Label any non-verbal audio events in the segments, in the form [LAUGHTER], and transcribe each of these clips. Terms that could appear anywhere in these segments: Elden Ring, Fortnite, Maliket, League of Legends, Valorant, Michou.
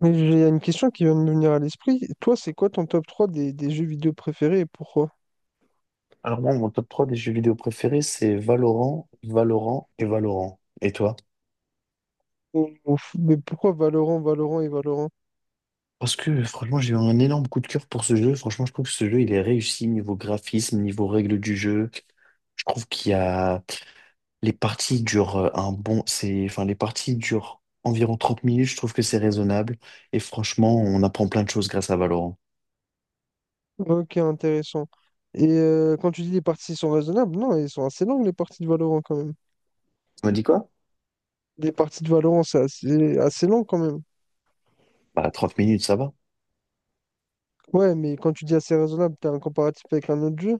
Mais j'ai une question qui vient de me venir à l'esprit. Toi, c'est quoi ton top 3 des jeux vidéo préférés et pourquoi? Alors moi, mon top 3 des jeux vidéo préférés, c'est Valorant, Valorant et Valorant. Et toi? Mais pourquoi Valorant, Valorant et Valorant? Parce que franchement, j'ai eu un énorme coup de cœur pour ce jeu. Franchement, je trouve que ce jeu, il est réussi niveau graphisme, niveau règles du jeu. Je trouve qu'il y a... Les parties durent un bon... C'est... Enfin, les parties durent environ 30 minutes. Je trouve que c'est raisonnable. Et franchement, on apprend plein de choses grâce à Valorant. Ok, intéressant. Et quand tu dis les parties sont raisonnables, non, elles sont assez longues les parties de Valorant quand même. Tu me dis quoi? Les parties de Valorant, c'est assez long quand même. Bah, 30 minutes, ça va. Ouais, mais quand tu dis assez raisonnable, t'as un comparatif avec un autre jeu?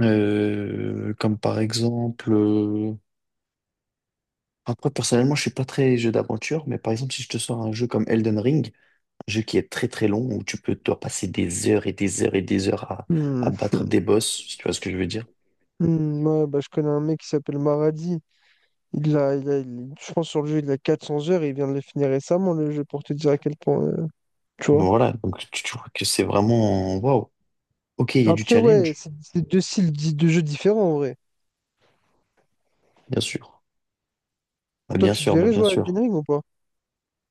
Comme par exemple, après, personnellement, je suis pas très jeu d'aventure, mais par exemple, si je te sors un jeu comme Elden Ring, un jeu qui est très très long, où tu peux, toi, passer des heures et des heures et des heures à Hmm. battre des boss, si tu vois ce que je veux dire. Ouais, bah, je connais un mec qui s'appelle Maradi. Je pense sur le jeu, il a 400 heures et il vient de le finir récemment, le jeu, pour te dire à quel point, tu Donc vois. voilà, donc tu vois que c'est vraiment, waouh. Ok, il y a du Après, ouais, challenge, c'est deux styles de jeux différents en vrai. bien sûr. Bah, Toi, bien tu te sûr, bah, verrais bien jouer à Elden sûr. Ring ou pas?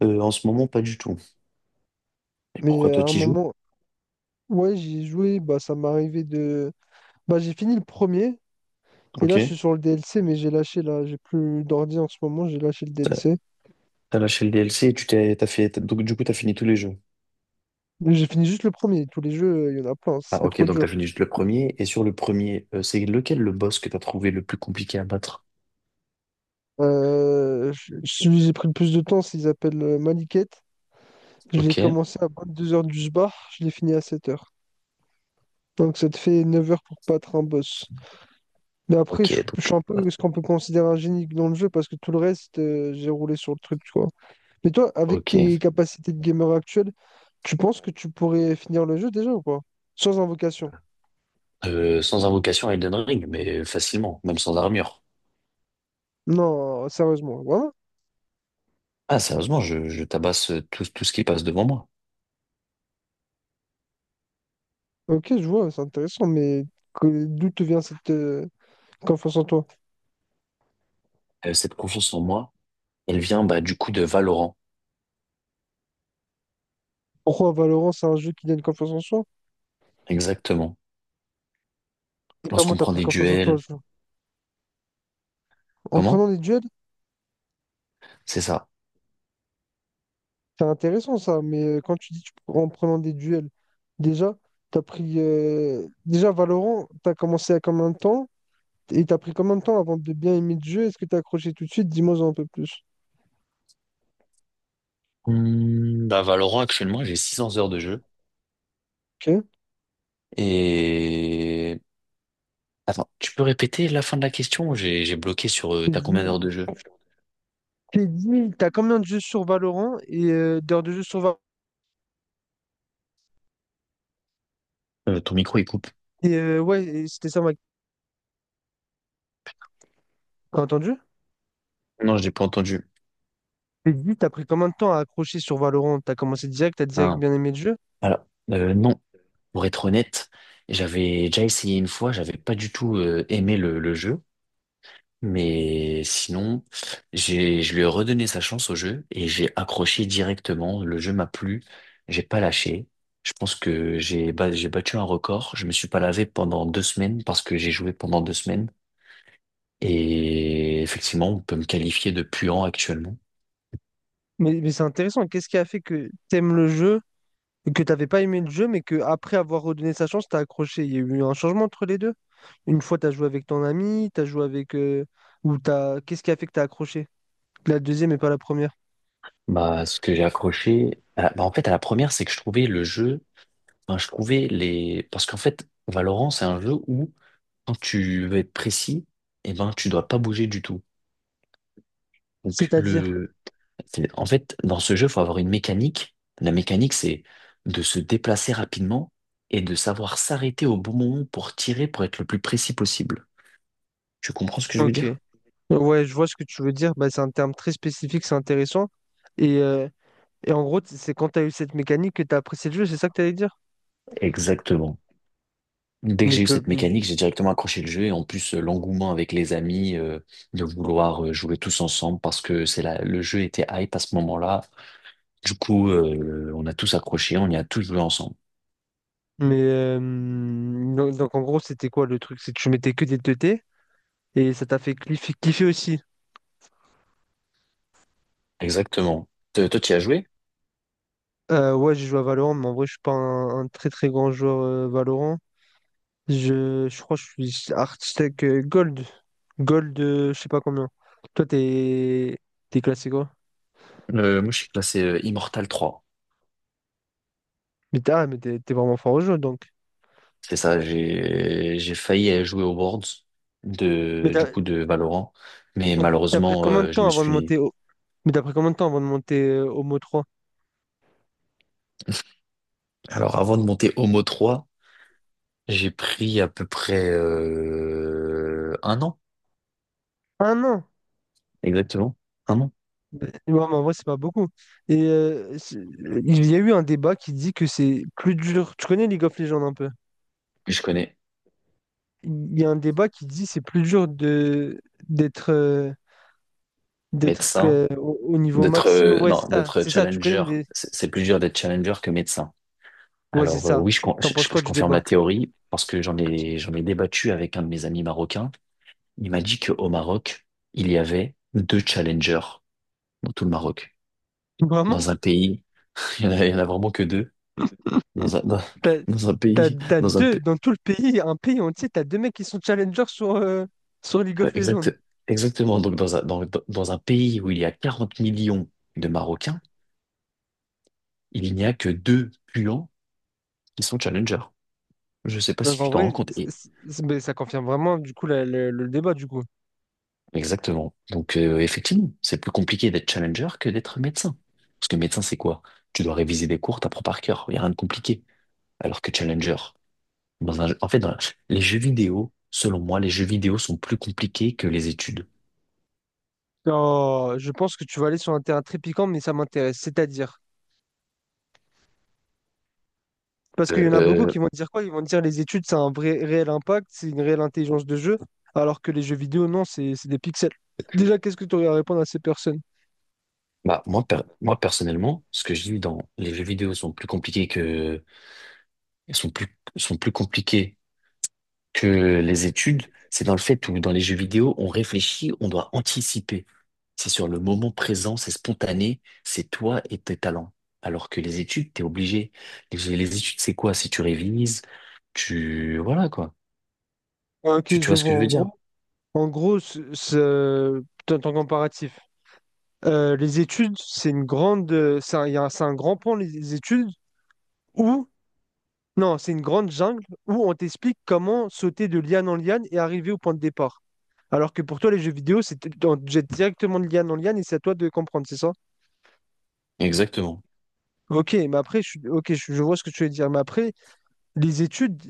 En ce moment, pas du tout. Et Mais pourquoi à toi, un tu joues? moment, ouais, j'ai joué, bah ça m'est arrivé de. Bah j'ai fini le premier, et là je suis Ok. sur le DLC, mais j'ai lâché là, j'ai plus d'ordi en ce moment, j'ai lâché le T'as DLC. t'as lâché le DLC et tu t'es, t'as fait, t'as- donc du coup, t'as fini tous les jeux. Mais j'ai fini juste le premier, tous les jeux, il y en a plein, ce Ah serait ok, trop donc dur. t'as fini juste le premier. Et sur le premier, c'est lequel le boss que t'as trouvé le plus compliqué à battre? Celui que j'ai pris le plus de temps, il s'appelle Maliket. Je l'ai Ok. commencé à 22h du sbar, je l'ai fini à 7h. Donc ça te fait 9h pour battre un boss. Mais après, Ok. Je suis Donc, un peu ce qu'on peut considérer un génie dans le jeu parce que tout le reste, j'ai roulé sur le truc, tu vois. Mais toi, avec tes ok. capacités de gamer actuelles, tu penses que tu pourrais finir le jeu déjà ou pas? Sans invocation. Sans invocation à Elden Ring, mais facilement, même sans armure. Non, sérieusement. Voilà. Ah, sérieusement, je tabasse tout, tout ce qui passe devant moi. Ok, je vois, c'est intéressant, mais d'où te vient cette confiance en toi? Cette confiance en moi, elle vient bah, du coup de Valorant. Pourquoi Valorant, c'est un jeu qui donne confiance en soi? Exactement. Et comment Lorsqu'on t'as prend pris des confiance en toi, duels. ce jeu? En prenant Comment? des duels? C'est ça. C'est intéressant ça, mais quand tu dis en prenant des duels, déjà, t'as pris. Déjà, Valorant, t'as commencé à combien de temps? Et t'as pris combien de temps avant de bien aimer le jeu? Est-ce que t'as accroché tout de suite? Dis-moi un peu plus. Bah, Valorant, actuellement, j'ai 600 heures de jeu. Ok. Et... Attends, tu peux répéter la fin de la question? J'ai bloqué sur... T'es t'as combien dit, d'heures de jeu? t'es dit, t'as combien de jeux sur Valorant et d'heures de jeu sur. Ton micro, il coupe. Et ouais, et c'était ça ma. T'as entendu? Non, je l'ai pas entendu. Et dis, t'as pris combien de temps à accrocher sur Valorant? T'as commencé direct, t'as direct Ah. bien aimé le jeu? Alors, non. Pour être honnête, j'avais déjà essayé une fois, j'avais pas du tout aimé le jeu, mais sinon, je lui ai redonné sa chance au jeu et j'ai accroché directement. Le jeu m'a plu, j'ai pas lâché. Je pense que j'ai battu un record. Je me suis pas lavé pendant 2 semaines parce que j'ai joué pendant 2 semaines. Et effectivement, on peut me qualifier de puant actuellement. Mais c'est intéressant, qu'est-ce qui a fait que t'aimes le jeu, et que t'avais pas aimé le jeu, mais que après avoir redonné sa chance, t'as accroché? Il y a eu un changement entre les deux? Une fois, t'as joué avec ton ami, t'as joué avec... ou t'as... Qu'est-ce qui a fait que t'as accroché? La deuxième et pas la première? Bah, ce que j'ai accroché, bah, en fait, à la première, c'est que je trouvais le jeu. Enfin, je trouvais les... Parce qu'en fait, Valorant, c'est un jeu où, quand tu veux être précis, eh ben, tu dois pas bouger du tout. Donc, C'est-à-dire, le... c'est- En fait, dans ce jeu, il faut avoir une mécanique. La mécanique, c'est de se déplacer rapidement et de savoir s'arrêter au bon moment pour tirer, pour être le plus précis possible. Tu comprends ce que je veux ok. dire? Ouais, je vois ce que tu veux dire. Bah, c'est un terme très spécifique, c'est intéressant. Et, euh, et en gros, c'est quand tu as eu cette mécanique que tu as apprécié le jeu, c'est ça que tu allais dire? Exactement. Dès que Mais, j'ai eu que, cette mécanique, j'ai directement accroché le jeu et en plus l'engouement avec les amis de vouloir jouer tous ensemble parce que c'est là le jeu était hype à ce moment-là. Du coup, on a tous accroché, on y a tous joué ensemble. mais Donc, en gros, c'était quoi le truc? C'est que tu mettais que des 2T et ça t'a fait kiffer aussi. Exactement. Toi, tu y as joué? Ouais, j'ai joué à Valorant, mais en vrai, je suis pas un très très grand joueur Valorant. Je crois que je suis architecte Gold. Gold, je sais pas combien. Toi, t'es classé quoi? Moi, je suis classé Immortal 3. Mais t'es vraiment fort au jeu, donc. C'est ça, j'ai failli aller jouer aux Worlds Mais de t'as du coup de Valorant, mais donc, t'as pris malheureusement, combien de je temps me avant de suis. monter au... Mais t'as pris combien de temps avant de monter au mot 3? Alors, avant de monter Homo 3, j'ai pris à peu près 1 an, Un an. exactement, 1 an. Ouais, mais en vrai, c'est pas beaucoup. Et il y a eu un débat qui dit que c'est plus dur. Tu connais League of Legends un peu? Je connais Il y a un débat qui dit que c'est plus dur de d'être d'être médecin au niveau d'être maximum. Ouais, c'est non ça. d'être C'est ça. Tu connais challenger. des... C'est plus dur d'être challenger que médecin. Ouais, c'est Alors ça. oui, T'en penses quoi je du confirme la débat? théorie parce que j'en ai débattu avec un de mes amis marocains. Il m'a dit qu'au Maroc, il y avait deux challengers dans tout le Maroc. Vraiment? Dans un pays, [LAUGHS] il y en a vraiment que deux. Dans un, dans, T'as, dans un t'as- pays, t'as dans un, deux pa- dans tout le pays, un pays entier, t'as deux mecs qui sont challengers sur, sur League of Legends. exact, exactement. Donc dans un pays où il y a 40 millions de Marocains, il n'y a que deux puants qui sont challengers. Je ne sais pas Donc si en tu t'en vrai, rends compte. Mais ça confirme vraiment du coup le débat du coup. Exactement. Donc, effectivement, c'est plus compliqué d'être challenger que d'être médecin. Parce que médecin, c'est quoi? Tu dois réviser des cours, t'apprends par cœur. Il n'y a rien de compliqué. Alors que challenger, dans un, en fait, dans- les jeux vidéo, selon moi, les jeux vidéo sont plus compliqués que les études. Oh, je pense que tu vas aller sur un terrain très piquant, mais ça m'intéresse. C'est-à-dire, parce Euh, qu'il y en a beaucoup qui euh, vont dire quoi? Ils vont dire les études, ça a un vrai réel impact, c'est une réelle intelligence de jeu, alors que les jeux vidéo, non, c'est des pixels. Déjà, qu'est-ce que tu aurais à répondre à ces personnes? bah, moi, personnellement, ce que je dis dans les jeux vidéo sont plus compliqués que, sont plus, sont plus compliqués que les études, c'est dans le fait où dans les jeux vidéo, on réfléchit, on doit anticiper. C'est sur le moment présent, c'est spontané, c'est toi et tes talents. Alors que les études, t'es obligé. Les études, c'est quoi? Si tu révises, tu... Voilà, quoi. Ah, ok, Tu je vois ce vois que je en veux dire? gros. En gros, ton comparatif. Les études, c'est une grande, c'est un, il y a un- c'est un grand pan, les études, où Non, c'est une grande jungle où on t'explique comment sauter de liane en liane et arriver au point de départ. Alors que pour toi, les jeux vidéo, c'est on te jette directement de liane en liane et c'est à toi de comprendre, c'est ça? Exactement. Ok, mais après, je, suis- ok, je vois ce que tu veux dire. Mais après, les études,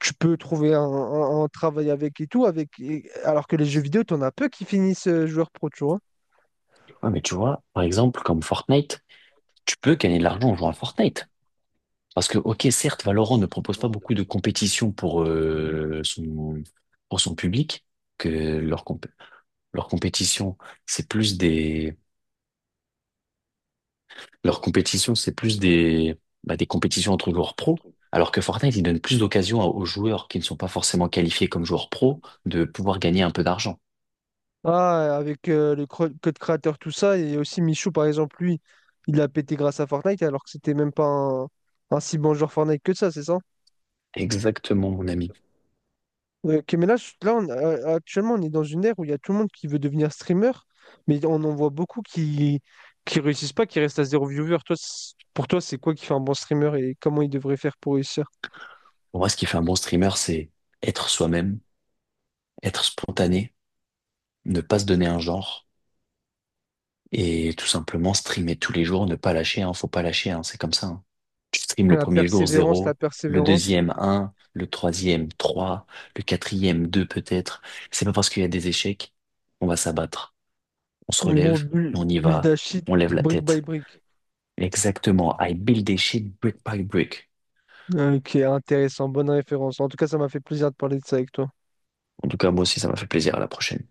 tu peux trouver un travail avec et tout, avec, alors que les jeux vidéo, t'en as peu qui finissent joueur pro, tu vois. Ouais, mais tu vois, par exemple, comme Fortnite, tu peux gagner de l'argent en jouant à Fortnite. Parce que, ok, certes, Valorant ne propose pas beaucoup de compétition pour, son, pour son public, que leur, comp- leur compétition, c'est plus des. Leur compétition, c'est plus des, bah, des compétitions entre joueurs pro, alors que Fortnite, il donne plus d'occasions aux joueurs qui ne sont pas forcément qualifiés comme joueurs pro de pouvoir gagner un peu d'argent. Ah, avec le code créateur, tout ça, et aussi Michou, par exemple, lui, il a pété grâce à Fortnite, alors que c'était même pas un si bon joueur Fortnite que ça, c'est ça? Exactement, mon ami. Ouais, ok, mais là, là actuellement, on est dans une ère où il y a tout le monde qui veut devenir streamer, mais on en voit beaucoup qui réussissent pas, qui restent à 0 viewer. Toi, pour toi, c'est quoi qui fait un bon streamer et comment il devrait faire pour réussir? Pour moi, ce qui fait un bon streamer, c'est être soi-même, être spontané, ne pas se donner un genre et tout simplement streamer tous les jours, ne pas lâcher, hein, faut pas lâcher, hein, c'est comme ça, hein. Tu streames le La premier jour persévérance, la zéro, le persévérance. deuxième un, le troisième 3, le quatrième 2 peut-être. C'est pas parce qu'il y a des échecs qu'on va s'abattre. On se En gros, relève, et on y bulle va, d'Achille, on lève la brick by tête. brick. Exactement. I build a shit brick by brick. Ok, intéressant, bonne référence. En tout cas, ça m'a fait plaisir de parler de ça avec toi. En tout cas, moi aussi, ça m'a fait plaisir. À la prochaine.